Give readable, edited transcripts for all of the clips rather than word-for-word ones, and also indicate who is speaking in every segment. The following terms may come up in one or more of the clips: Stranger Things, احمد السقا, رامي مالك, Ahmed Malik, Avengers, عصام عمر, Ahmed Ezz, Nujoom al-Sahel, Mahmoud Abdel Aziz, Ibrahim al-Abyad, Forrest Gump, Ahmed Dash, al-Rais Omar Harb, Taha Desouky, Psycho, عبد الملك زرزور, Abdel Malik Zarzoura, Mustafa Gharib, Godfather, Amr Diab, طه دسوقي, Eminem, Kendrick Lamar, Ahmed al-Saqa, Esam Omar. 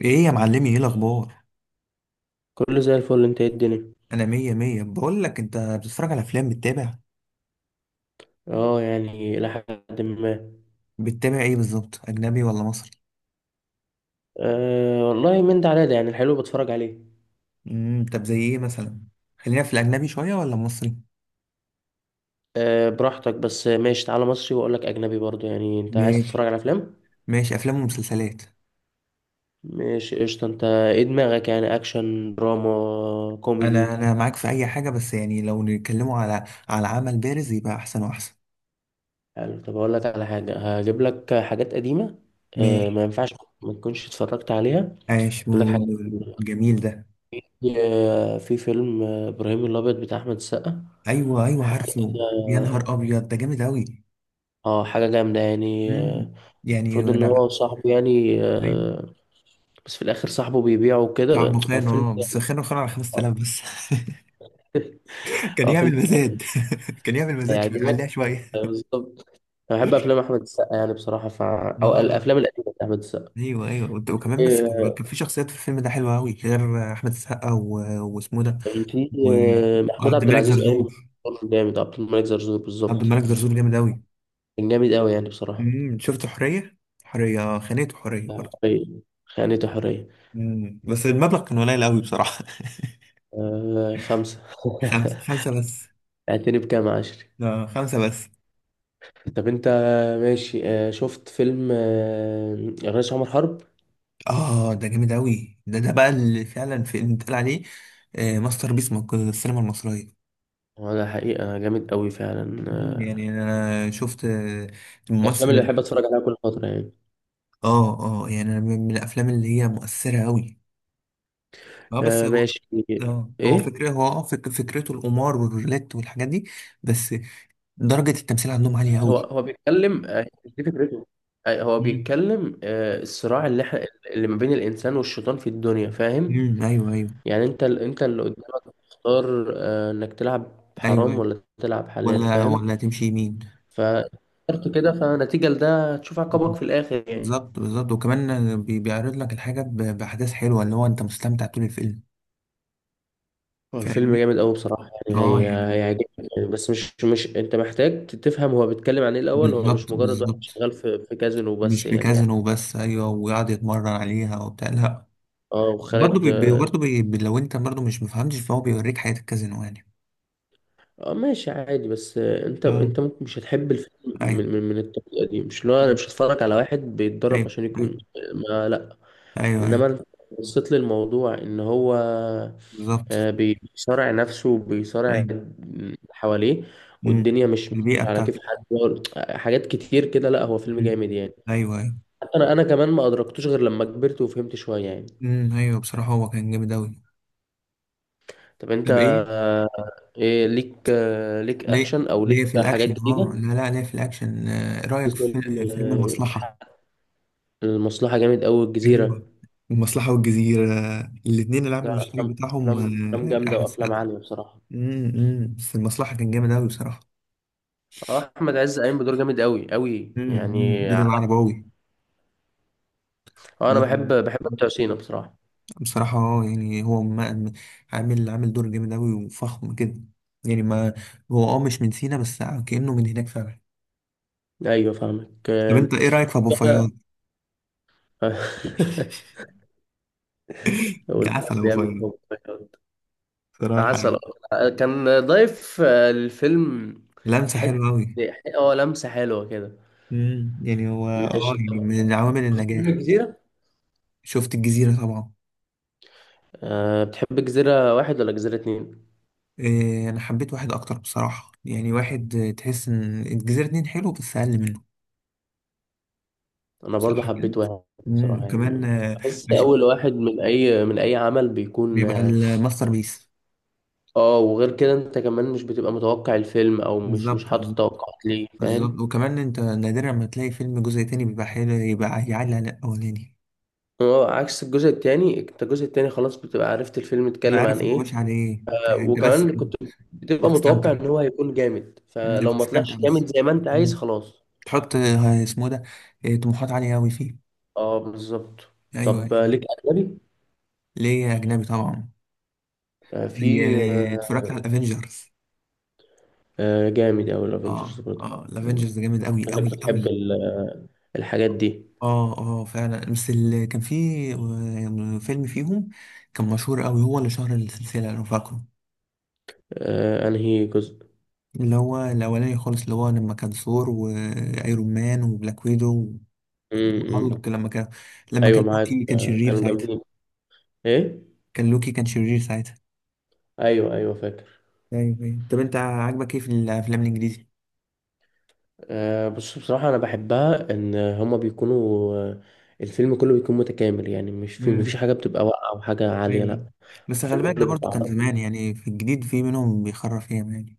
Speaker 1: ايه يا معلمي، ايه الاخبار؟
Speaker 2: كله زي الفل. انت ايه الدنيا؟
Speaker 1: انا مية مية، بقول لك. انت بتتفرج على افلام؟ بتتابع؟
Speaker 2: اه يعني الى حد ما.
Speaker 1: بتتابع ايه بالظبط، اجنبي ولا مصري؟
Speaker 2: آه والله من ده على ده، يعني الحلو بتفرج عليه.
Speaker 1: طب زي ايه مثلا؟ خلينا في الاجنبي شوية ولا مصري؟
Speaker 2: آه براحتك، بس ماشي تعالى مصري واقول لك اجنبي برضو. يعني انت عايز تتفرج
Speaker 1: ماشي.
Speaker 2: على افلام؟
Speaker 1: ماشي، افلام ومسلسلات.
Speaker 2: ماشي قشطه. انت ايه دماغك، يعني اكشن دراما
Speaker 1: انا
Speaker 2: كوميدي؟
Speaker 1: انا معاك في اي حاجة، بس يعني لو نتكلموا على عمل بارز يبقى احسن واحسن.
Speaker 2: حلو. طب اقول لك على حاجه، هجيب لك حاجات قديمه. آه
Speaker 1: ماشي.
Speaker 2: ما ينفعش ما تكونش اتفرجت عليها.
Speaker 1: عاش
Speaker 2: هجيب لك حاجات
Speaker 1: و-
Speaker 2: قديمة.
Speaker 1: جميل ده.
Speaker 2: في فيلم ابراهيم الابيض بتاع احمد السقا.
Speaker 1: ايوه ايوه،
Speaker 2: حاجه.
Speaker 1: عارفه. يا
Speaker 2: اه
Speaker 1: نهار ابيض، ده جامد اوي.
Speaker 2: حاجه جامده يعني
Speaker 1: امم
Speaker 2: آه،
Speaker 1: يعني
Speaker 2: المفروض ان
Speaker 1: انا،
Speaker 2: هو صاحبه يعني
Speaker 1: ايوه.
Speaker 2: آه، بس في الاخر صاحبه بيبيعه
Speaker 1: صاحبه
Speaker 2: وكده. هو
Speaker 1: خانه،
Speaker 2: فيلم
Speaker 1: اه بس خانه على 5000 بس. كان
Speaker 2: هو فيلم
Speaker 1: يعمل مزاد. كان يعمل مزاد، شويه
Speaker 2: هيعجبك.
Speaker 1: عليها شويه.
Speaker 2: بالظبط. انا بحب افلام احمد السقا يعني بصراحه، ف... او
Speaker 1: امم
Speaker 2: الافلام القديمه احمد السقا.
Speaker 1: ايوه ايوه، وكمان بس كان
Speaker 2: آه،
Speaker 1: كان في شخصيات في الفيلم ده حلوه قوي غير احمد السقا واسمه ده
Speaker 2: في
Speaker 1: و-
Speaker 2: محمود
Speaker 1: وعبد
Speaker 2: عبد
Speaker 1: الملك
Speaker 2: العزيز قايم
Speaker 1: زرزور.
Speaker 2: بدور جامد. عبد الملك زرزور
Speaker 1: عبد
Speaker 2: بالظبط،
Speaker 1: الملك زرزور جامد قوي.
Speaker 2: كان جامد قوي يعني بصراحه.
Speaker 1: شفت حريه؟ حريه خانته، حريه برضه.
Speaker 2: حريه، خانته حريه.
Speaker 1: بس المبلغ كان قليل قوي بصراحه.
Speaker 2: خمسه.
Speaker 1: خمسه، خمسه بس.
Speaker 2: اعتني بكام عشري.
Speaker 1: اه خمسه بس.
Speaker 2: طب انت ماشي. شفت فيلم الرئيس عمر حرب؟
Speaker 1: اه ده جامد قوي، ده بقى اللي فعلا في اللي اتقال عليه آه، ماستر بيس السينما المصريه.
Speaker 2: هو ده حقيقة جامد قوي فعلا.
Speaker 1: يعني انا شفت
Speaker 2: الأفلام اللي
Speaker 1: الممثل.
Speaker 2: بحب أتفرج عليها كل فترة يعني.
Speaker 1: اه اه، يعني أنا من الافلام اللي هي مؤثره قوي. اه بس هو،
Speaker 2: ماشي.
Speaker 1: اه هو
Speaker 2: إيه،
Speaker 1: فكره، هو اه فكرته القمار والرولات والحاجات دي. بس درجه التمثيل عندهم عاليه
Speaker 2: هو
Speaker 1: قوي.
Speaker 2: هو بيتكلم دي فكرته. هو
Speaker 1: امم
Speaker 2: بيتكلم الصراع اللي احنا، اللي ما بين الإنسان والشيطان في الدنيا، فاهم؟
Speaker 1: أمم، ايوه ايوه.
Speaker 2: يعني أنت أنت اللي قدامك تختار إنك تلعب
Speaker 1: ايوه
Speaker 2: حرام
Speaker 1: أيوة.
Speaker 2: ولا تلعب حلال،
Speaker 1: ولا،
Speaker 2: فاهم؟
Speaker 1: ولا تمشي يمين.
Speaker 2: فاخترت كده، فنتيجة لده تشوف
Speaker 1: مم.
Speaker 2: عقابك في الآخر يعني.
Speaker 1: بالظبط بالظبط. وكمان بيعرض لك الحاجه باحداث حلوه، اللي هو انت مستمتع طول الفيلم.
Speaker 2: هو الفيلم
Speaker 1: فاهمني.
Speaker 2: جامد قوي بصراحة، يعني
Speaker 1: اه
Speaker 2: هي
Speaker 1: يعني،
Speaker 2: هيعجبك. يعني بس مش انت محتاج تفهم هو بيتكلم عن ايه الأول. هو مش
Speaker 1: بالظبط
Speaker 2: مجرد واحد
Speaker 1: بالظبط.
Speaker 2: شغال في كازينو
Speaker 1: مش
Speaker 2: بس
Speaker 1: في
Speaker 2: يعني.
Speaker 1: كازينو بس، ايوه، ويقعد يتمرن عليها وبتاع، لا.
Speaker 2: اه
Speaker 1: برضه
Speaker 2: وخالد.
Speaker 1: برضه لو انت برضه مش مفهمتش، فهو بيوريك حياة الكازينو يعني.
Speaker 2: اه ماشي عادي. بس انت
Speaker 1: اه
Speaker 2: انت ممكن مش هتحب الفيلم
Speaker 1: ايوه
Speaker 2: من من الطريقة دي. مش لو انا مش هتفرج على واحد بيتدرب
Speaker 1: ايوه.
Speaker 2: عشان يكون.
Speaker 1: ايوه
Speaker 2: ما لا.
Speaker 1: ايوه،
Speaker 2: انما
Speaker 1: أيوة.
Speaker 2: انت بصيت للموضوع ان هو
Speaker 1: بالظبط.
Speaker 2: بيصارع نفسه وبيصارع
Speaker 1: ايوه.
Speaker 2: اللي حواليه،
Speaker 1: مم.
Speaker 2: والدنيا مش
Speaker 1: البيئة
Speaker 2: مش على كيف
Speaker 1: بتاعته.
Speaker 2: حد. حاجات كتير كده. لا هو فيلم
Speaker 1: مم.
Speaker 2: جامد يعني.
Speaker 1: ايوه ايوه.
Speaker 2: انا كمان ما ادركتوش غير لما كبرت وفهمت شويه يعني.
Speaker 1: مم. ايوه، بصراحة هو كان جامد اوي.
Speaker 2: طب انت
Speaker 1: طب ايه؟
Speaker 2: آه، إيه ليك ليك
Speaker 1: ليه،
Speaker 2: اكشن او ليك
Speaker 1: في
Speaker 2: حاجات
Speaker 1: الاكشن. اه
Speaker 2: جديده؟
Speaker 1: لا لا، ليه في الاكشن. آه، إيه
Speaker 2: في
Speaker 1: رأيك في
Speaker 2: فيلم
Speaker 1: فيلم
Speaker 2: آه،
Speaker 1: المصلحة؟
Speaker 2: المصلحه جامد قوي، الجزيره.
Speaker 1: ايوه، المصلحة والجزيرة، الاتنين العامل
Speaker 2: لا
Speaker 1: المشترك
Speaker 2: افلام،
Speaker 1: بتاعهم
Speaker 2: افلام افلام
Speaker 1: آه،
Speaker 2: جامده
Speaker 1: احمد
Speaker 2: وافلام
Speaker 1: سقا.
Speaker 2: عاليه بصراحه.
Speaker 1: بس المصلحة كان جامد أوي بصراحة.
Speaker 2: اه احمد عز قايم بدور جامد قوي قوي
Speaker 1: أمم.
Speaker 2: يعني
Speaker 1: دور
Speaker 2: اه.
Speaker 1: العرباوي.
Speaker 2: انا
Speaker 1: لا،
Speaker 2: بحب بتوع سينا بصراحه.
Speaker 1: بصراحة اه، يعني هو ما، عامل دور جامد أوي وفخم كده. يعني ما، هو اه مش من سينا، بس آه، كأنه من هناك فعلا.
Speaker 2: ايوه فاهمك
Speaker 1: طب
Speaker 2: آه،
Speaker 1: انت ايه رأيك في أبو فياض؟
Speaker 2: أقول لك
Speaker 1: عسل أبو
Speaker 2: بيعمل
Speaker 1: فياض،
Speaker 2: شغل.
Speaker 1: بصراحة
Speaker 2: عسل
Speaker 1: يعني.
Speaker 2: أبيض. كان ضايف الفيلم
Speaker 1: لمسة
Speaker 2: حتة.
Speaker 1: حلوة أوي.
Speaker 2: اه لمسة حلوة كده.
Speaker 1: يعني هو اه
Speaker 2: ماشي
Speaker 1: يعني
Speaker 2: طب
Speaker 1: من عوامل
Speaker 2: منه
Speaker 1: النجاح.
Speaker 2: كتيرة.
Speaker 1: شفت الجزيرة طبعا.
Speaker 2: أه بتحب جزيرة واحد ولا جزيرة اتنين؟
Speaker 1: إيه، أنا حبيت واحد أكتر بصراحة يعني. واحد آه، تحس إن الجزيرة اتنين حلو بس أقل منه.
Speaker 2: أنا برضو
Speaker 1: صح كده.
Speaker 2: حبيت واحد
Speaker 1: مم.
Speaker 2: بصراحة
Speaker 1: وكمان
Speaker 2: يعني.
Speaker 1: آه،
Speaker 2: بحس
Speaker 1: مش-
Speaker 2: أول واحد من أي من أي عمل بيكون
Speaker 1: بيبقى
Speaker 2: اه
Speaker 1: الماستر بيس.
Speaker 2: آه، وغير كده أنت كمان مش بتبقى متوقع الفيلم، أو مش
Speaker 1: بالظبط
Speaker 2: حاطط توقعات ليه، فاهم؟
Speaker 1: بالظبط. وكمان انت نادرا ما تلاقي فيلم جزء تاني بيبقى حلو يبقى يعلي على الاولاني.
Speaker 2: اه عكس الجزء التاني. أنت الجزء التاني خلاص بتبقى عرفت الفيلم
Speaker 1: انا
Speaker 2: اتكلم عن
Speaker 1: عارف هو
Speaker 2: إيه.
Speaker 1: ماشي على ايه. انت بس
Speaker 2: وكمان كنت بتبقى
Speaker 1: بتستمتع.
Speaker 2: متوقع ان هو هيكون جامد، فلو
Speaker 1: انت
Speaker 2: ما
Speaker 1: بتستمتع
Speaker 2: طلعش جامد
Speaker 1: بس.
Speaker 2: زي ما انت عايز
Speaker 1: مم.
Speaker 2: خلاص.
Speaker 1: تحط آه، اسمه ده، آه، طموحات عالية أوي فيه.
Speaker 2: اه بالظبط.
Speaker 1: أيوه
Speaker 2: طب
Speaker 1: أيوه.
Speaker 2: ليك اجنبي؟
Speaker 1: ليه، أجنبي طبعا.
Speaker 2: آه،
Speaker 1: زي
Speaker 2: في
Speaker 1: آه،
Speaker 2: آه،
Speaker 1: اتفرجت على الأفينجرز.
Speaker 2: جامد اوي الافنجرز
Speaker 1: اه
Speaker 2: برضه.
Speaker 1: اه، الأفينجرز جامد أوي
Speaker 2: انك
Speaker 1: أوي
Speaker 2: بتحب
Speaker 1: أوي.
Speaker 2: الحاجات دي.
Speaker 1: اه اه فعلا، بس اللي كان فيه آه، فيلم فيهم كان مشهور قوي، هو اللي شهر السلسلة لو فاكره.
Speaker 2: انهي جزء؟
Speaker 1: اللي هو الأولاني خالص، اللي هو لما كان ثور وأيرون مان وبلاك ويدو
Speaker 2: امم.
Speaker 1: وهالك، لما كان،
Speaker 2: ايوه معاك
Speaker 1: لوكي كان
Speaker 2: آه،
Speaker 1: شرير
Speaker 2: كانوا
Speaker 1: ساعتها.
Speaker 2: جامدين. ايه.
Speaker 1: كان لوكي كان شرير ساعتها.
Speaker 2: ايوه ايوه فاكر.
Speaker 1: ايوه ايوه. طب انت عاجبك ايه في الافلام الانجليزي؟
Speaker 2: بص بصراحه انا بحبها ان هما بيكونوا. الفيلم كله بيكون متكامل يعني. مش في، مفيش
Speaker 1: امم
Speaker 2: حاجه بتبقى واقعه او حاجه
Speaker 1: ايوه
Speaker 2: عاليه،
Speaker 1: أيوة.
Speaker 2: لا.
Speaker 1: بس خلي
Speaker 2: الفيلم
Speaker 1: بالك،
Speaker 2: كله
Speaker 1: ده برضه
Speaker 2: بيبقى
Speaker 1: كان
Speaker 2: عبارة.
Speaker 1: زمان يعني. في الجديد في منهم بيخرف ياما يعني.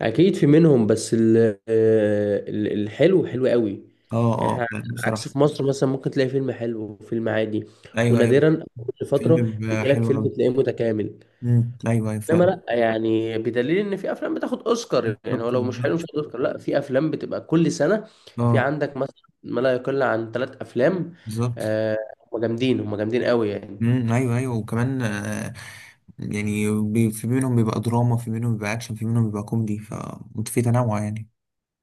Speaker 2: اكيد في منهم بس الحلو حلو قوي
Speaker 1: اه
Speaker 2: يعني.
Speaker 1: اه
Speaker 2: إحنا عكس
Speaker 1: بصراحة.
Speaker 2: في مصر، مثلا ممكن تلاقي فيلم حلو وفيلم عادي،
Speaker 1: ايوه ايوه.
Speaker 2: ونادرا كل فتره
Speaker 1: فيلم بيبقى
Speaker 2: بيجي لك
Speaker 1: حلو
Speaker 2: فيلم
Speaker 1: أوي.
Speaker 2: تلاقيه متكامل.
Speaker 1: مم. ايوه ايوه
Speaker 2: انما
Speaker 1: فعلا.
Speaker 2: لا يعني، بدليل ان في افلام بتاخد اوسكار. يعني هو
Speaker 1: بالظبط
Speaker 2: لو مش حلو مش
Speaker 1: بالظبط.
Speaker 2: هياخد اوسكار. لا في افلام بتبقى كل سنه في
Speaker 1: اه،
Speaker 2: عندك مثلا ما لا يقل عن 3 افلام
Speaker 1: بالظبط.
Speaker 2: آه، هم جامدين قوي يعني.
Speaker 1: مم. ايوه ايوه. وكمان آه، يعني في منهم بيبقى دراما، في منهم بيبقى اكشن، في منهم بيبقى كوميدي، ففي تنوع يعني.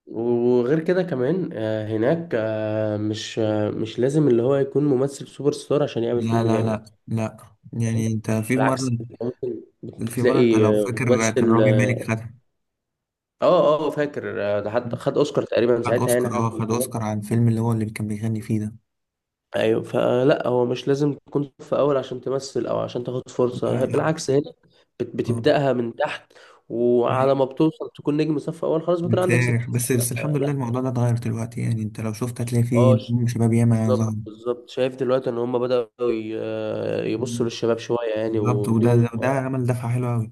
Speaker 2: وغير كده كمان هناك مش لازم اللي هو يكون ممثل سوبر ستار عشان يعمل
Speaker 1: لا
Speaker 2: فيلم
Speaker 1: لا
Speaker 2: جامد.
Speaker 1: لا لا. يعني انت في مره،
Speaker 2: بالعكس أنت ممكن
Speaker 1: في مره انت
Speaker 2: بتلاقي
Speaker 1: لو فاكر كان
Speaker 2: ممثل.
Speaker 1: رامي مالك خدها.
Speaker 2: اه اه فاكر. ده حتى خد اوسكار تقريبا
Speaker 1: خد
Speaker 2: ساعتها يعني،
Speaker 1: اوسكار،
Speaker 2: حسب
Speaker 1: اه
Speaker 2: ما
Speaker 1: خد اوسكار
Speaker 2: أتذكر.
Speaker 1: عن الفيلم اللي هو اللي كان بيغني فيه ده.
Speaker 2: ايوه. فلا هو مش لازم تكون في اول عشان تمثل او عشان تاخد
Speaker 1: لا
Speaker 2: فرصه.
Speaker 1: لا.
Speaker 2: بالعكس هنا
Speaker 1: اه
Speaker 2: بتبداها من تحت، وعلى
Speaker 1: ايوه.
Speaker 2: ما بتوصل تكون نجم صف اول خلاص بيكون عندك 60
Speaker 1: بتسارح بس،
Speaker 2: سنه،
Speaker 1: الحمد لله
Speaker 2: فلا.
Speaker 1: الموضوع ده اتغير دلوقتي. يعني انت لو شفت هتلاقي فيه
Speaker 2: اه ش-
Speaker 1: نجوم شباب ياما ظهر.
Speaker 2: بالظبط بالظبط. شايف دلوقتي ان هم بداوا يبصوا للشباب شويه يعني،
Speaker 1: بالظبط،
Speaker 2: ويديهم.
Speaker 1: وده عمل دفعة حلوة أوي.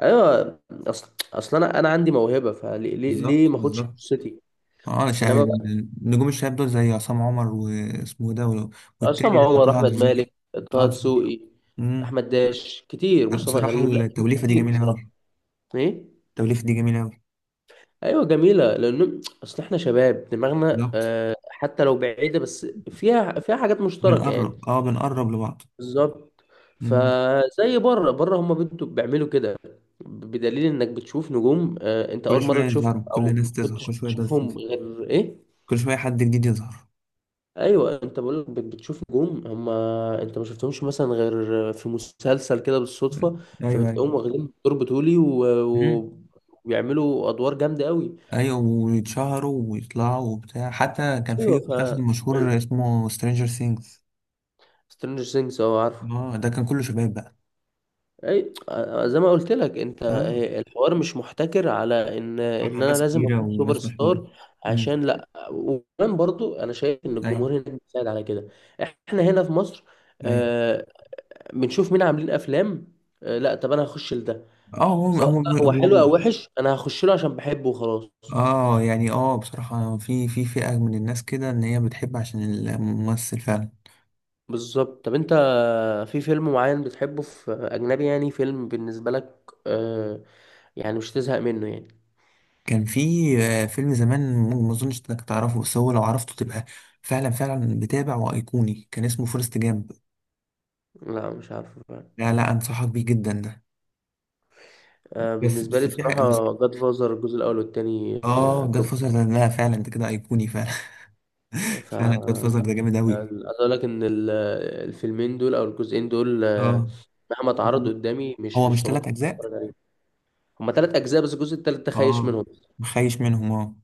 Speaker 2: ايوه اصل انا عندي موهبه، فليه ليه
Speaker 1: بالظبط
Speaker 2: ما اخدش
Speaker 1: بالظبط.
Speaker 2: فرصتي؟
Speaker 1: اه انا
Speaker 2: انما
Speaker 1: شاهد.
Speaker 2: بقى.
Speaker 1: نجوم الشباب دول زي عصام عمر واسمه ده
Speaker 2: عصام
Speaker 1: والتاني ده
Speaker 2: عمر،
Speaker 1: طه
Speaker 2: احمد
Speaker 1: دسوقي.
Speaker 2: مالك،
Speaker 1: طه
Speaker 2: طه
Speaker 1: دسوقي.
Speaker 2: دسوقي،
Speaker 1: امم
Speaker 2: احمد داش، كتير، مصطفى
Speaker 1: بصراحة
Speaker 2: غريب، لا
Speaker 1: التوليفة دي
Speaker 2: كتير
Speaker 1: جميلة
Speaker 2: بصراحه.
Speaker 1: أوي.
Speaker 2: ايه.
Speaker 1: التوليفة دي جميلة أوي.
Speaker 2: ايوه جميله، لان اصل احنا شباب دماغنا
Speaker 1: بالظبط.
Speaker 2: حتى لو بعيده بس فيها فيها حاجات مشتركه يعني.
Speaker 1: بنقرب، اه بنقرب لبعض.
Speaker 2: بالظبط.
Speaker 1: امم
Speaker 2: فزي بره، بره هم بنتوا بيعملوا كده. بدليل انك بتشوف نجوم انت
Speaker 1: كل
Speaker 2: اول
Speaker 1: شوية
Speaker 2: مره تشوفهم
Speaker 1: يظهروا، كل
Speaker 2: او ما
Speaker 1: الناس تظهر،
Speaker 2: كنتش
Speaker 1: كل شوية ناس تظهر،
Speaker 2: بتشوفهم غير ايه.
Speaker 1: كل شوية حد جديد يظهر.
Speaker 2: ايوه انت بقول لك بتشوف نجوم هم انت ما شفتهمش مثلا غير في مسلسل كده بالصدفه،
Speaker 1: ايوه ايوه.
Speaker 2: فبتلاقيهم واخدين دور بطولي
Speaker 1: امم
Speaker 2: وبيعملوا ادوار جامده قوي.
Speaker 1: ايوه، ويتشهروا ويطلعوا وبتاع. حتى كان
Speaker 2: ايوه
Speaker 1: في
Speaker 2: ف،
Speaker 1: مسلسل مشهور اسمه سترينجر سينجز.
Speaker 2: سترينجر ثينجز اه عارفه.
Speaker 1: اه ده كان كله شباب بقى.
Speaker 2: اي زي ما قلت لك انت،
Speaker 1: اه
Speaker 2: الحوار مش محتكر على ان
Speaker 1: مع
Speaker 2: ان انا
Speaker 1: ناس
Speaker 2: لازم
Speaker 1: كبيرة
Speaker 2: اكون سوبر
Speaker 1: وناس مشهورة.
Speaker 2: ستار
Speaker 1: امم
Speaker 2: عشان، لا. وكمان برضو انا شايف ان
Speaker 1: ايوه
Speaker 2: الجمهور هنا بيساعد على كده. احنا هنا في مصر
Speaker 1: ايوه.
Speaker 2: آه، بنشوف مين عاملين افلام. لا طب انا هخش لده.
Speaker 1: اه
Speaker 2: سواء بقى هو
Speaker 1: هو
Speaker 2: حلو او
Speaker 1: يعني،
Speaker 2: وحش انا هخش له عشان بحبه وخلاص.
Speaker 1: اه يعني، اه بصراحة في فئة من الناس كده ان هي بتحب عشان الممثل فعلا.
Speaker 2: بالظبط. طب انت في فيلم معين بتحبه في اجنبي يعني، فيلم بالنسبه لك آه يعني مش تزهق منه يعني؟
Speaker 1: كان في آه، فيلم زمان، ما اظنش انك تعرفه، بس هو لو عرفته تبقى فعلا فعلا بتابع وايقوني. كان اسمه فورست جامب.
Speaker 2: لا مش عارف بقى.
Speaker 1: لا لا، انصحك بيه جدا ده.
Speaker 2: آه
Speaker 1: بس
Speaker 2: بالنسبه لي
Speaker 1: بس في حاجة بس،
Speaker 2: بصراحه جاد فازر الجزء الاول والتاني آه
Speaker 1: اه جاد
Speaker 2: توب.
Speaker 1: فازر ده، لا فعلا انت كده ايقوني فعلا.
Speaker 2: ف
Speaker 1: فعلا جاد فازر ده جامد
Speaker 2: يعني عايز
Speaker 1: اوي.
Speaker 2: اقول لك ان الفيلمين دول او الجزئين دول،
Speaker 1: اه
Speaker 2: مهما اتعرضوا قدامي
Speaker 1: هو
Speaker 2: مش
Speaker 1: مش ثلاث
Speaker 2: ببطل
Speaker 1: اجزاء؟
Speaker 2: اتفرج عليهم. هما تلات اجزاء بس الجزء التالت ده خايش
Speaker 1: اه
Speaker 2: منهم.
Speaker 1: مخيش منهم. اه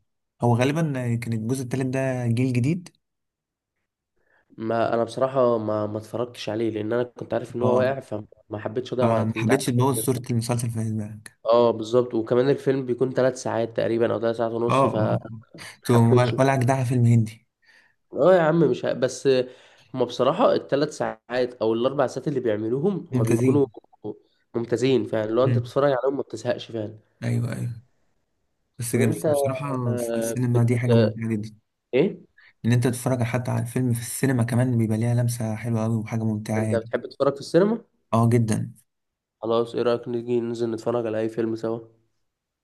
Speaker 1: هو غالبا كان الجزء التالت ده جيل جديد.
Speaker 2: ما انا بصراحه ما اتفرجتش عليه لان انا كنت عارف ان هو
Speaker 1: اه
Speaker 2: واقع، فما حبيتش اضيع
Speaker 1: فما
Speaker 2: وقت، انت عارف.
Speaker 1: حبيتش تبوظ صورة المسلسل في دماغك.
Speaker 2: اه بالظبط. وكمان الفيلم بيكون 3 ساعات تقريبا او ثلاث ساعات
Speaker 1: اه
Speaker 2: ونص
Speaker 1: اه. تو-
Speaker 2: فحبيتش.
Speaker 1: ولا جدعها فيلم هندي؟
Speaker 2: اه يا عم مش ه... بس هما بصراحه الـ3 ساعات او الـ4 ساعات اللي بيعملوهم هما
Speaker 1: ممتازين.
Speaker 2: بيكونوا ممتازين فعلا. لو انت
Speaker 1: مم.
Speaker 2: بتتفرج عليهم ما بتزهقش فعلا.
Speaker 1: ايوه ايوه.
Speaker 2: طب انت
Speaker 1: بس بصراحة في
Speaker 2: آه،
Speaker 1: السينما
Speaker 2: بت...
Speaker 1: دي حاجة ممتعة جدا.
Speaker 2: ايه،
Speaker 1: ان انت تتفرج حتى على الفيلم في السينما كمان بيبقى ليها لمسة حلوة قوي وحاجة ممتعة
Speaker 2: انت
Speaker 1: يعني.
Speaker 2: بتحب تتفرج في السينما؟
Speaker 1: اه جدا.
Speaker 2: خلاص، ايه رايك نيجي ننزل نتفرج على اي فيلم سوا؟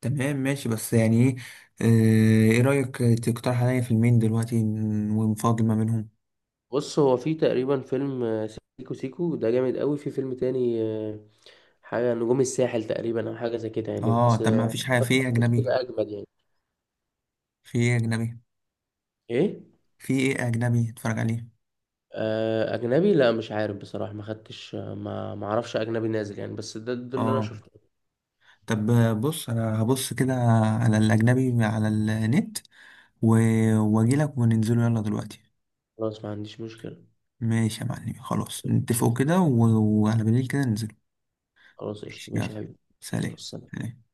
Speaker 1: تمام ماشي، بس يعني ايه، آه، ايه رأيك تقترح عليا فيلمين دلوقتي ونفاضل ما بينهم.
Speaker 2: بص هو في تقريبا فيلم سيكو سيكو ده جامد قوي. في فيلم تاني حاجة نجوم الساحل تقريبا او حاجة زي كده يعني،
Speaker 1: اه
Speaker 2: بس
Speaker 1: طب ما فيش حاجة في ايه
Speaker 2: بس
Speaker 1: أجنبي.
Speaker 2: كده اجمد يعني.
Speaker 1: في ايه أجنبي؟
Speaker 2: ايه.
Speaker 1: في ايه أجنبي اتفرج عليه؟
Speaker 2: اجنبي لا مش عارف بصراحة، ما خدتش آه، ما ما اعرفش اجنبي نازل يعني، بس ده ده اللي انا
Speaker 1: اه
Speaker 2: شفته.
Speaker 1: طب بص، أنا هبص كده على الأجنبي على النت و... وأجيلك وننزله يلا دلوقتي.
Speaker 2: خلاص ما عنديش مشكلة.
Speaker 1: ماشي يا معلم، خلاص نتفقوا كده و... وعلى بالليل كده ننزله.
Speaker 2: خلاص
Speaker 1: ماشي
Speaker 2: قشطة
Speaker 1: يلا.
Speaker 2: ماشي يا حبيبي. ماشي،
Speaker 1: سلام.
Speaker 2: والسلام.
Speaker 1: سلام.